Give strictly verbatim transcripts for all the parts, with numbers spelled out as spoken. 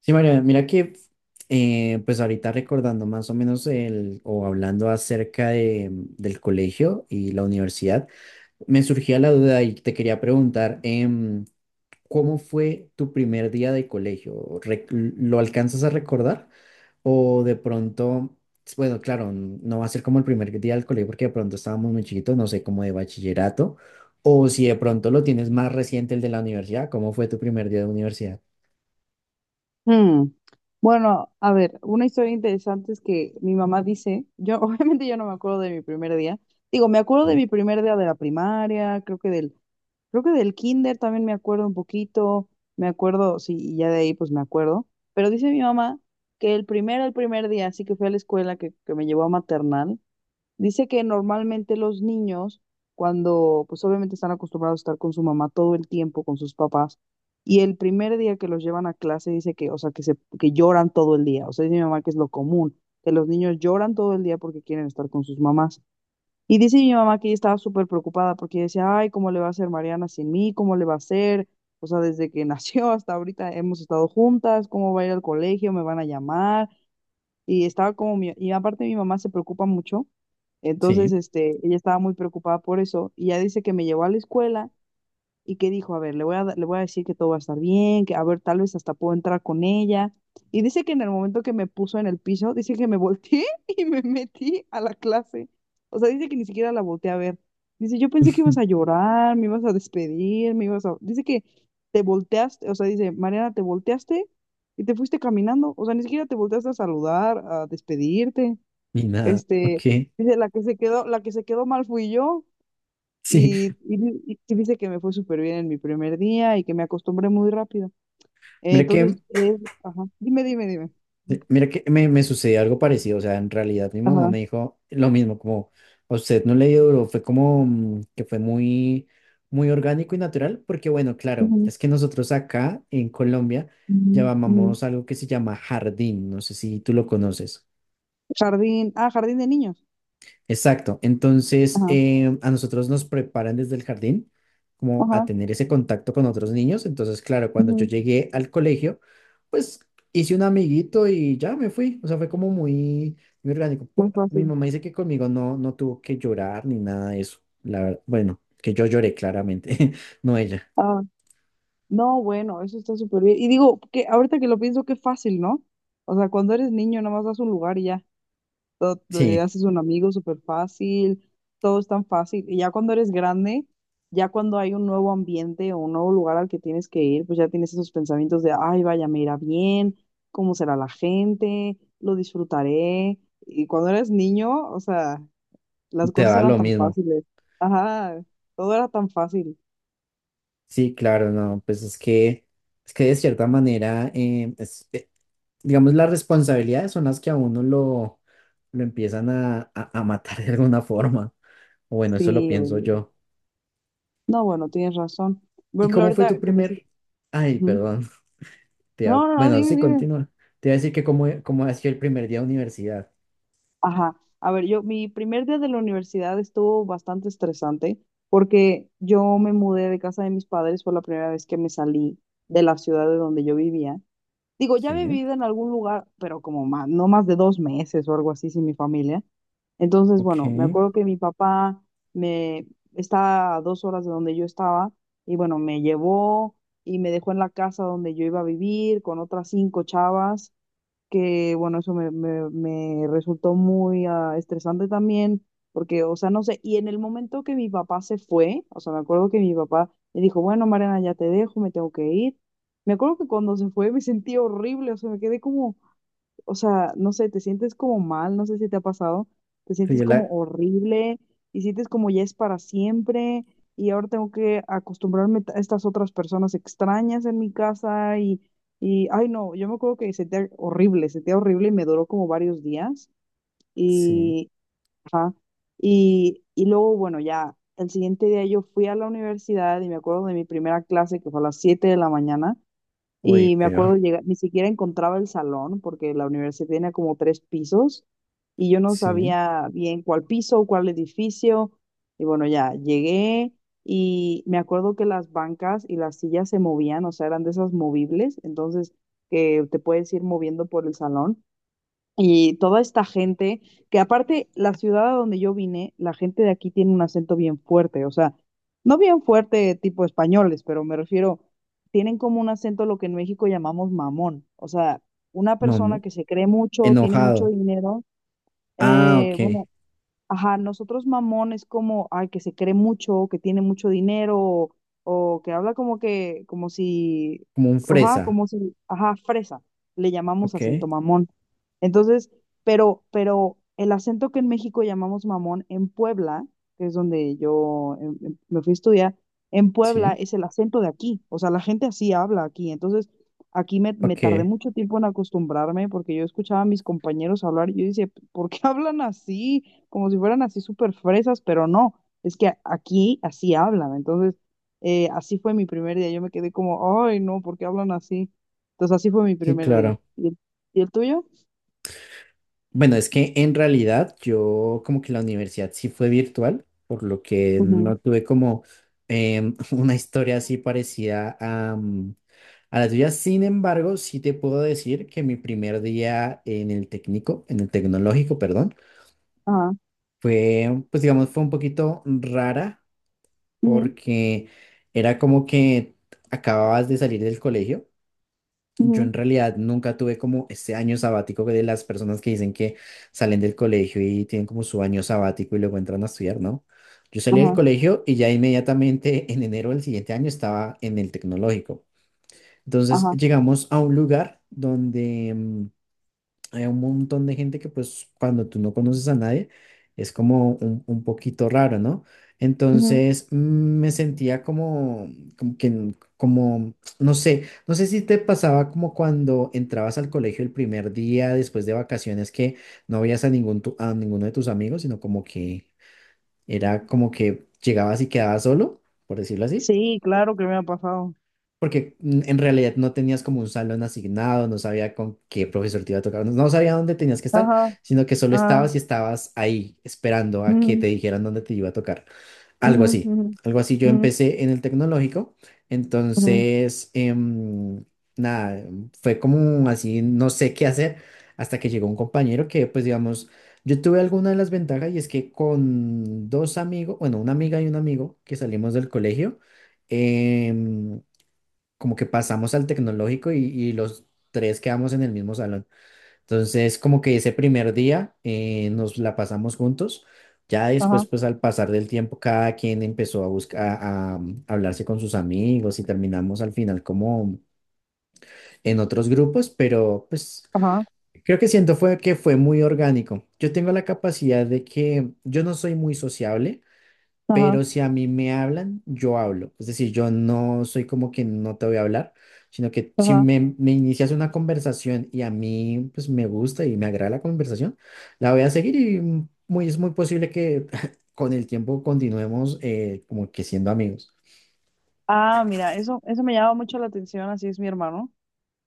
Sí, María, mira que eh, pues ahorita recordando más o menos el, o hablando acerca de, del colegio y la universidad, me surgía la duda y te quería preguntar, em, ¿cómo fue tu primer día de colegio? Re- ¿Lo alcanzas a recordar? O de pronto, bueno, claro, n- no va a ser como el primer día del colegio porque de pronto estábamos muy chiquitos, no sé, como de bachillerato, o si de pronto lo tienes más reciente el de la universidad, ¿cómo fue tu primer día de universidad? Hmm. Bueno, a ver, una historia interesante es que mi mamá dice, yo obviamente yo no me acuerdo de mi primer día. Digo, me acuerdo de Sí. mi primer día de la primaria, creo que del, creo que del kinder también me acuerdo un poquito, me acuerdo, sí, y ya de ahí pues me acuerdo. Pero dice mi mamá que el primero, el primer día, así que fui a la escuela que, que me llevó a maternal. Dice que normalmente los niños, cuando pues obviamente están acostumbrados a estar con su mamá todo el tiempo, con sus papás, y el primer día que los llevan a clase dice que, o sea, que se, que lloran todo el día. O sea, dice mi mamá que es lo común, que los niños lloran todo el día porque quieren estar con sus mamás. Y dice mi mamá que ella estaba súper preocupada porque ella decía, ay, ¿cómo le va a hacer Mariana sin mí? ¿Cómo le va a hacer? O sea, desde que nació hasta ahorita hemos estado juntas, ¿cómo va a ir al colegio? ¿Me van a llamar? Y estaba como mi, y aparte mi mamá se preocupa mucho, entonces este, ella estaba muy preocupada por eso y ya dice que me llevó a la escuela y que dijo, a ver, le voy a, da- le voy a decir que todo va a estar bien, que a ver, tal vez hasta puedo entrar con ella. Y dice que en el momento que me puso en el piso, dice que me volteé y me metí a la clase. O sea, dice que ni siquiera la volteé a ver. Dice, yo pensé que ibas Sí. a llorar, me ibas a despedir, me ibas a... Dice que te volteaste, o sea, dice, Mariana, te volteaste y te fuiste caminando. O sea, ni siquiera te volteaste a saludar, a despedirte. Ni nada, ok. Este, Dice, la que se quedó, la que se quedó mal fui yo. Sí, Y, y, y que dice que me fue súper bien en mi primer día y que me acostumbré muy rápido. Eh, mira Entonces, que, es, ajá, dime, dime, dime. mira que me, me sucedió algo parecido, o sea, en realidad mi mamá Ajá. me dijo lo mismo, como a usted no le dio duro, fue como mm, que fue muy, muy orgánico y natural, porque bueno, claro, Ujú, es que nosotros acá en Colombia ujú, ujú. llamamos algo que se llama jardín, no sé si tú lo conoces. Jardín, ah, jardín de niños. Exacto. Entonces, Ajá, eh, a nosotros nos preparan desde el jardín como a ajá, tener ese contacto con otros niños. Entonces, claro, cuando yo ujú. llegué al colegio, pues hice un amiguito y ya me fui. O sea, fue como muy, muy orgánico. Muy Po- Mi fácil. mamá dice que conmigo no, no tuvo que llorar ni nada de eso. La ver- bueno, que yo lloré claramente, no ella. Ah, no, bueno, eso está súper bien. Y digo, que ahorita que lo pienso, qué fácil, ¿no? O sea, cuando eres niño, nomás vas a un lugar y ya, todo, te Sí, haces un amigo súper fácil, todo es tan fácil. Y ya cuando eres grande, ya cuando hay un nuevo ambiente o un nuevo lugar al que tienes que ir, pues ya tienes esos pensamientos de, ay, vaya, me irá bien, cómo será la gente, lo disfrutaré. Y cuando eres niño, o sea, las te cosas da eran lo tan mismo. fáciles. Ajá, todo era tan fácil. Sí, claro, no, pues es que, es que de cierta manera, eh, es- eh, digamos, las responsabilidades son las que a uno lo, lo empiezan a, a, a matar de alguna forma. O bueno, eso lo Sí, pienso oye, yo. no, bueno, tienes razón. Por ¿Y ejemplo, cómo fue tu ahorita que me dices, primer? Ay, ujú. perdón. te iba- No, no, no, Bueno, dime, sí, dime. continúa. Te iba a decir que cómo, cómo ha sido el primer día de universidad. Ajá. A ver, yo, mi primer día de la universidad estuvo bastante estresante porque yo me mudé de casa de mis padres por la primera vez que me salí de la ciudad de donde yo vivía. Digo, ya he Sí, vivido en algún lugar, pero como más, no más de dos meses o algo así sin mi familia. Entonces, bueno, me ok. acuerdo que mi papá me estaba a dos horas de donde yo estaba y bueno, me llevó y me dejó en la casa donde yo iba a vivir con otras cinco chavas que bueno, eso me, me, me resultó muy ah, estresante también, porque, o sea, no sé, y en el momento que mi papá se fue, o sea, me acuerdo que mi papá me dijo, bueno, Mariana, ya te dejo, me tengo que ir. Me acuerdo que cuando se fue me sentí horrible, o sea, me quedé como, o sea, no sé, te sientes como mal, no sé si te ha pasado, te Sí, sientes yo como la... horrible y sientes como ya es para siempre y ahora tengo que acostumbrarme a estas otras personas extrañas en mi casa y, y ay no, yo me acuerdo que sentía horrible, sentía horrible y me duró como varios días Sí. y, ajá, y, y luego, bueno, ya el siguiente día yo fui a la universidad y me acuerdo de mi primera clase que fue a las siete de la mañana. Uy, Y me peor. acuerdo llegar, ni siquiera encontraba el salón porque la universidad tenía como tres pisos y yo no Sí. sabía bien cuál piso, cuál edificio. Y bueno, ya llegué y me acuerdo que las bancas y las sillas se movían, o sea, eran de esas movibles, entonces que te puedes ir moviendo por el salón. Y toda esta gente, que aparte la ciudad a donde yo vine, la gente de aquí tiene un acento bien fuerte, o sea, no bien fuerte tipo españoles, pero me refiero, tienen como un acento lo que en México llamamos mamón, o sea, una Mamá. persona que se cree mucho, tiene mucho Enojado. dinero, Ah, eh, ok. bueno. Ajá, nosotros mamón es como, ay, que se cree mucho, que tiene mucho dinero, o, o que habla como que, como si, Como un ajá, fresa. como si, ajá, fresa, le llamamos Ok. acento mamón. Entonces, pero, pero el acento que en México llamamos mamón, en Puebla, que es donde yo em, em, me fui a estudiar, en Puebla Sí. es el acento de aquí, o sea, la gente así habla aquí. Entonces, aquí me, me tardé Ok. mucho tiempo en acostumbrarme porque yo escuchaba a mis compañeros hablar y yo decía, ¿por qué hablan así? Como si fueran así súper fresas, pero no, es que a- aquí así hablan, entonces eh, así fue mi primer día, yo me quedé como, ay, no, ¿por qué hablan así? Entonces así fue mi Sí, primer día. claro. ¿Y el, y el tuyo? Bueno, es que en realidad yo como que la universidad sí fue virtual, por lo que Ujú, no tuve como em, una historia así parecida a, mm, a la tuya. Sin embargo, sí te puedo decir que mi primer día en el técnico, en el tecnológico, perdón, ajá, fue, pues digamos, fue un poquito rara ujú, porque era como que acababas de salir del colegio. Yo ujú, en realidad nunca tuve como este año sabático de las personas que dicen que salen del colegio y tienen como su año sabático y luego entran a estudiar, ¿no? Yo salí del ajá, colegio y ya inmediatamente en enero del siguiente año estaba en el tecnológico. Entonces ajá, llegamos a un lugar donde mm, hay un montón de gente que pues cuando tú no conoces a nadie es como un, un poquito raro, ¿no? ujú. Entonces mm, me sentía como, como que, n- como, no sé, no sé si te pasaba como cuando entrabas al colegio el primer día después de vacaciones que no veías a ningún tu- a ninguno de tus amigos, sino como que era como que llegabas y quedabas solo, por decirlo así. Sí, claro que me ha pasado. Porque mm, en realidad no tenías como un salón asignado, no sabía con qué profesor te iba a tocar, no no sabía dónde tenías que estar, Ajá, sino que solo ajá, estabas y estabas ahí esperando a que ujú, te dijeran dónde te iba a tocar. Algo ujú, así, ujú, algo así. Yo ujú, empecé en el tecnológico, ujú, entonces, em, nada, fue como así, no sé qué hacer, hasta que llegó un compañero que, pues digamos, yo tuve alguna de las ventajas y es que con dos amigos, bueno, una amiga y un amigo que salimos del colegio, em, como que pasamos al tecnológico y, y los tres quedamos en el mismo salón. Entonces, como que ese primer día eh, nos la pasamos juntos. Ya después, ajá, pues al pasar del tiempo, cada quien empezó a buscar, a, a hablarse con sus amigos y terminamos al final como en otros grupos, pero pues ajá, creo que siento fue que fue muy orgánico. Yo tengo la capacidad de que yo no soy muy sociable. ajá, Pero si a mí me hablan, yo hablo. Es decir, yo no soy como que no te voy a hablar, sino que si ajá. me, me inicias una conversación y a mí pues me gusta y me agrada la conversación, la voy a seguir y mm, muy, es muy posible que con el tiempo continuemos eh, como que siendo amigos. Ah, mira, eso, eso me llama mucho la atención, así es mi hermano.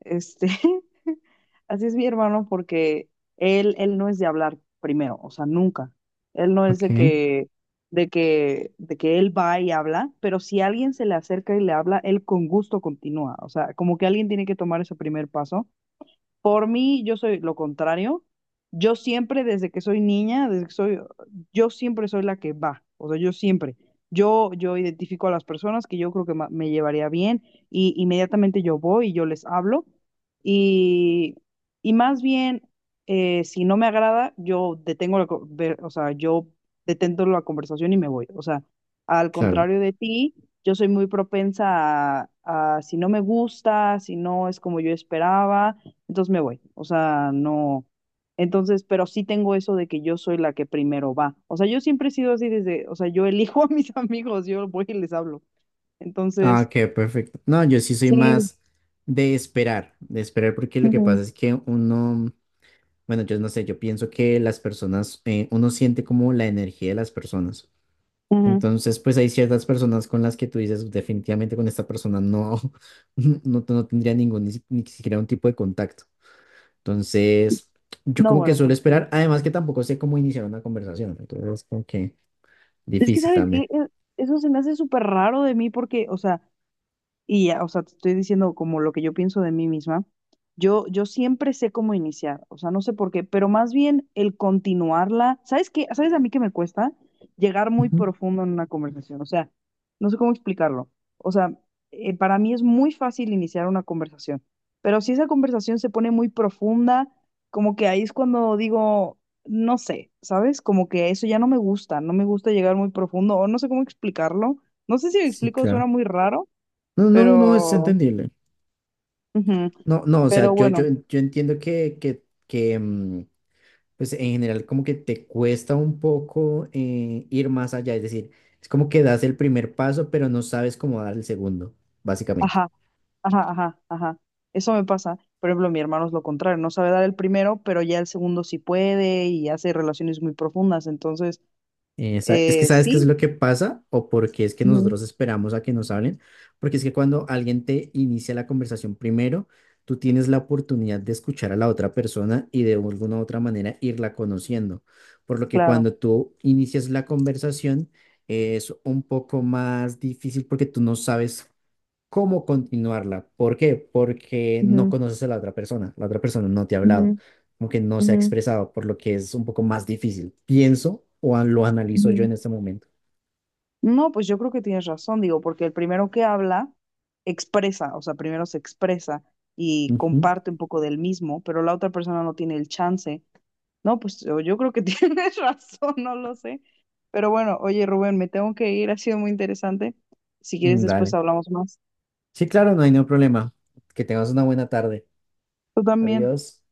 Este, Así es mi hermano porque él, él no es de hablar primero, o sea, nunca. Él no es Ok, de que, de que, de que él va y habla, pero si alguien se le acerca y le habla, él con gusto continúa. O sea, como que alguien tiene que tomar ese primer paso por mí, yo soy lo contrario. Yo siempre, desde que soy niña, desde que soy, yo siempre soy la que va. O sea, yo siempre. Yo, yo identifico a las personas que yo creo que ma- me llevaría bien y inmediatamente yo voy y yo les hablo. Y, y más bien, eh, si no me agrada, yo detengo la, co- ve- o sea, yo detento la conversación y me voy. O sea, al claro. contrario de ti, yo soy muy propensa a, a si no me gusta, si no es como yo esperaba entonces me voy. O sea, no. Entonces, pero sí tengo eso de que yo soy la que primero va. O sea, yo siempre he sido así desde, o sea, yo elijo a mis amigos, yo voy y les hablo. Ah, Entonces, ok, perfecto. No, yo sí soy sí. más de esperar, de esperar porque lo que Ujú, pasa es que uno, bueno, yo no sé, yo pienso que las personas, eh, uno siente como la energía de las personas. ujú. Entonces, pues hay ciertas personas con las que tú dices, definitivamente con esta persona no, no, no tendría ningún, ni, si- ni siquiera un tipo de contacto. Entonces, yo No, como que bueno, suelo pues sí. esperar, además que tampoco sé cómo iniciar una conversación, entonces es como que Es que, difícil ¿sabes qué? también. Eh, Eso se me hace súper raro de mí porque, o sea, y ya, o sea, te estoy diciendo como lo que yo pienso de mí misma. Yo, yo siempre sé cómo iniciar, o sea, no sé por qué, pero más bien el continuarla. ¿Sabes qué? ¿Sabes a mí que me cuesta? Llegar muy Ujú, profundo en una conversación, o sea, no sé cómo explicarlo. O sea, eh, para mí es muy fácil iniciar una conversación, pero si esa conversación se pone muy profunda, como que ahí es cuando digo, no sé, ¿sabes? Como que eso ya no me gusta, no me gusta llegar muy profundo, o no sé cómo explicarlo. No sé si lo sí, explico, suena claro. muy raro No, no, no, es pero, entendible. ujú, No, no, o sea, pero yo, yo, bueno, yo entiendo que, que, que, mm, pues en general como que te cuesta un poco eh, ir más allá, es decir, es como que das el primer paso, pero no sabes cómo dar el segundo, básicamente. ajá, ajá, ajá, ajá. Eso me pasa. Por ejemplo, mi hermano es lo contrario, no sabe dar el primero, pero ya el segundo sí puede y hace relaciones muy profundas. Entonces, Eh, sa- es que eh, sabes qué es sí, lo que pasa o por qué es que ujú, nosotros esperamos a que nos hablen, porque es que cuando alguien te inicia la conversación primero, tú tienes la oportunidad de escuchar a la otra persona y de alguna u otra manera irla conociendo, por lo que claro. cuando tú inicias la conversación, es un poco más difícil porque tú no sabes cómo continuarla. ¿Por qué? Porque no Ujú, conoces a la otra persona, la otra persona no te ha hablado, ujú, como que no se ha ujú, expresado, por lo que es un poco más difícil. Pienso o a- lo analizo yo ujú. en este momento. No, pues yo creo que tienes razón, digo, porque el primero que habla expresa, o sea, primero se expresa y Ujú, comparte un poco del mismo, pero la otra persona no tiene el chance. No, pues yo yo creo que tienes razón, no lo sé. Pero bueno, oye Rubén, me tengo que ir, ha sido muy interesante. Si quieres, mm, después dale. hablamos más. Sí, claro, no hay ningún problema. Que tengas una buena tarde. Tú también. Adiós.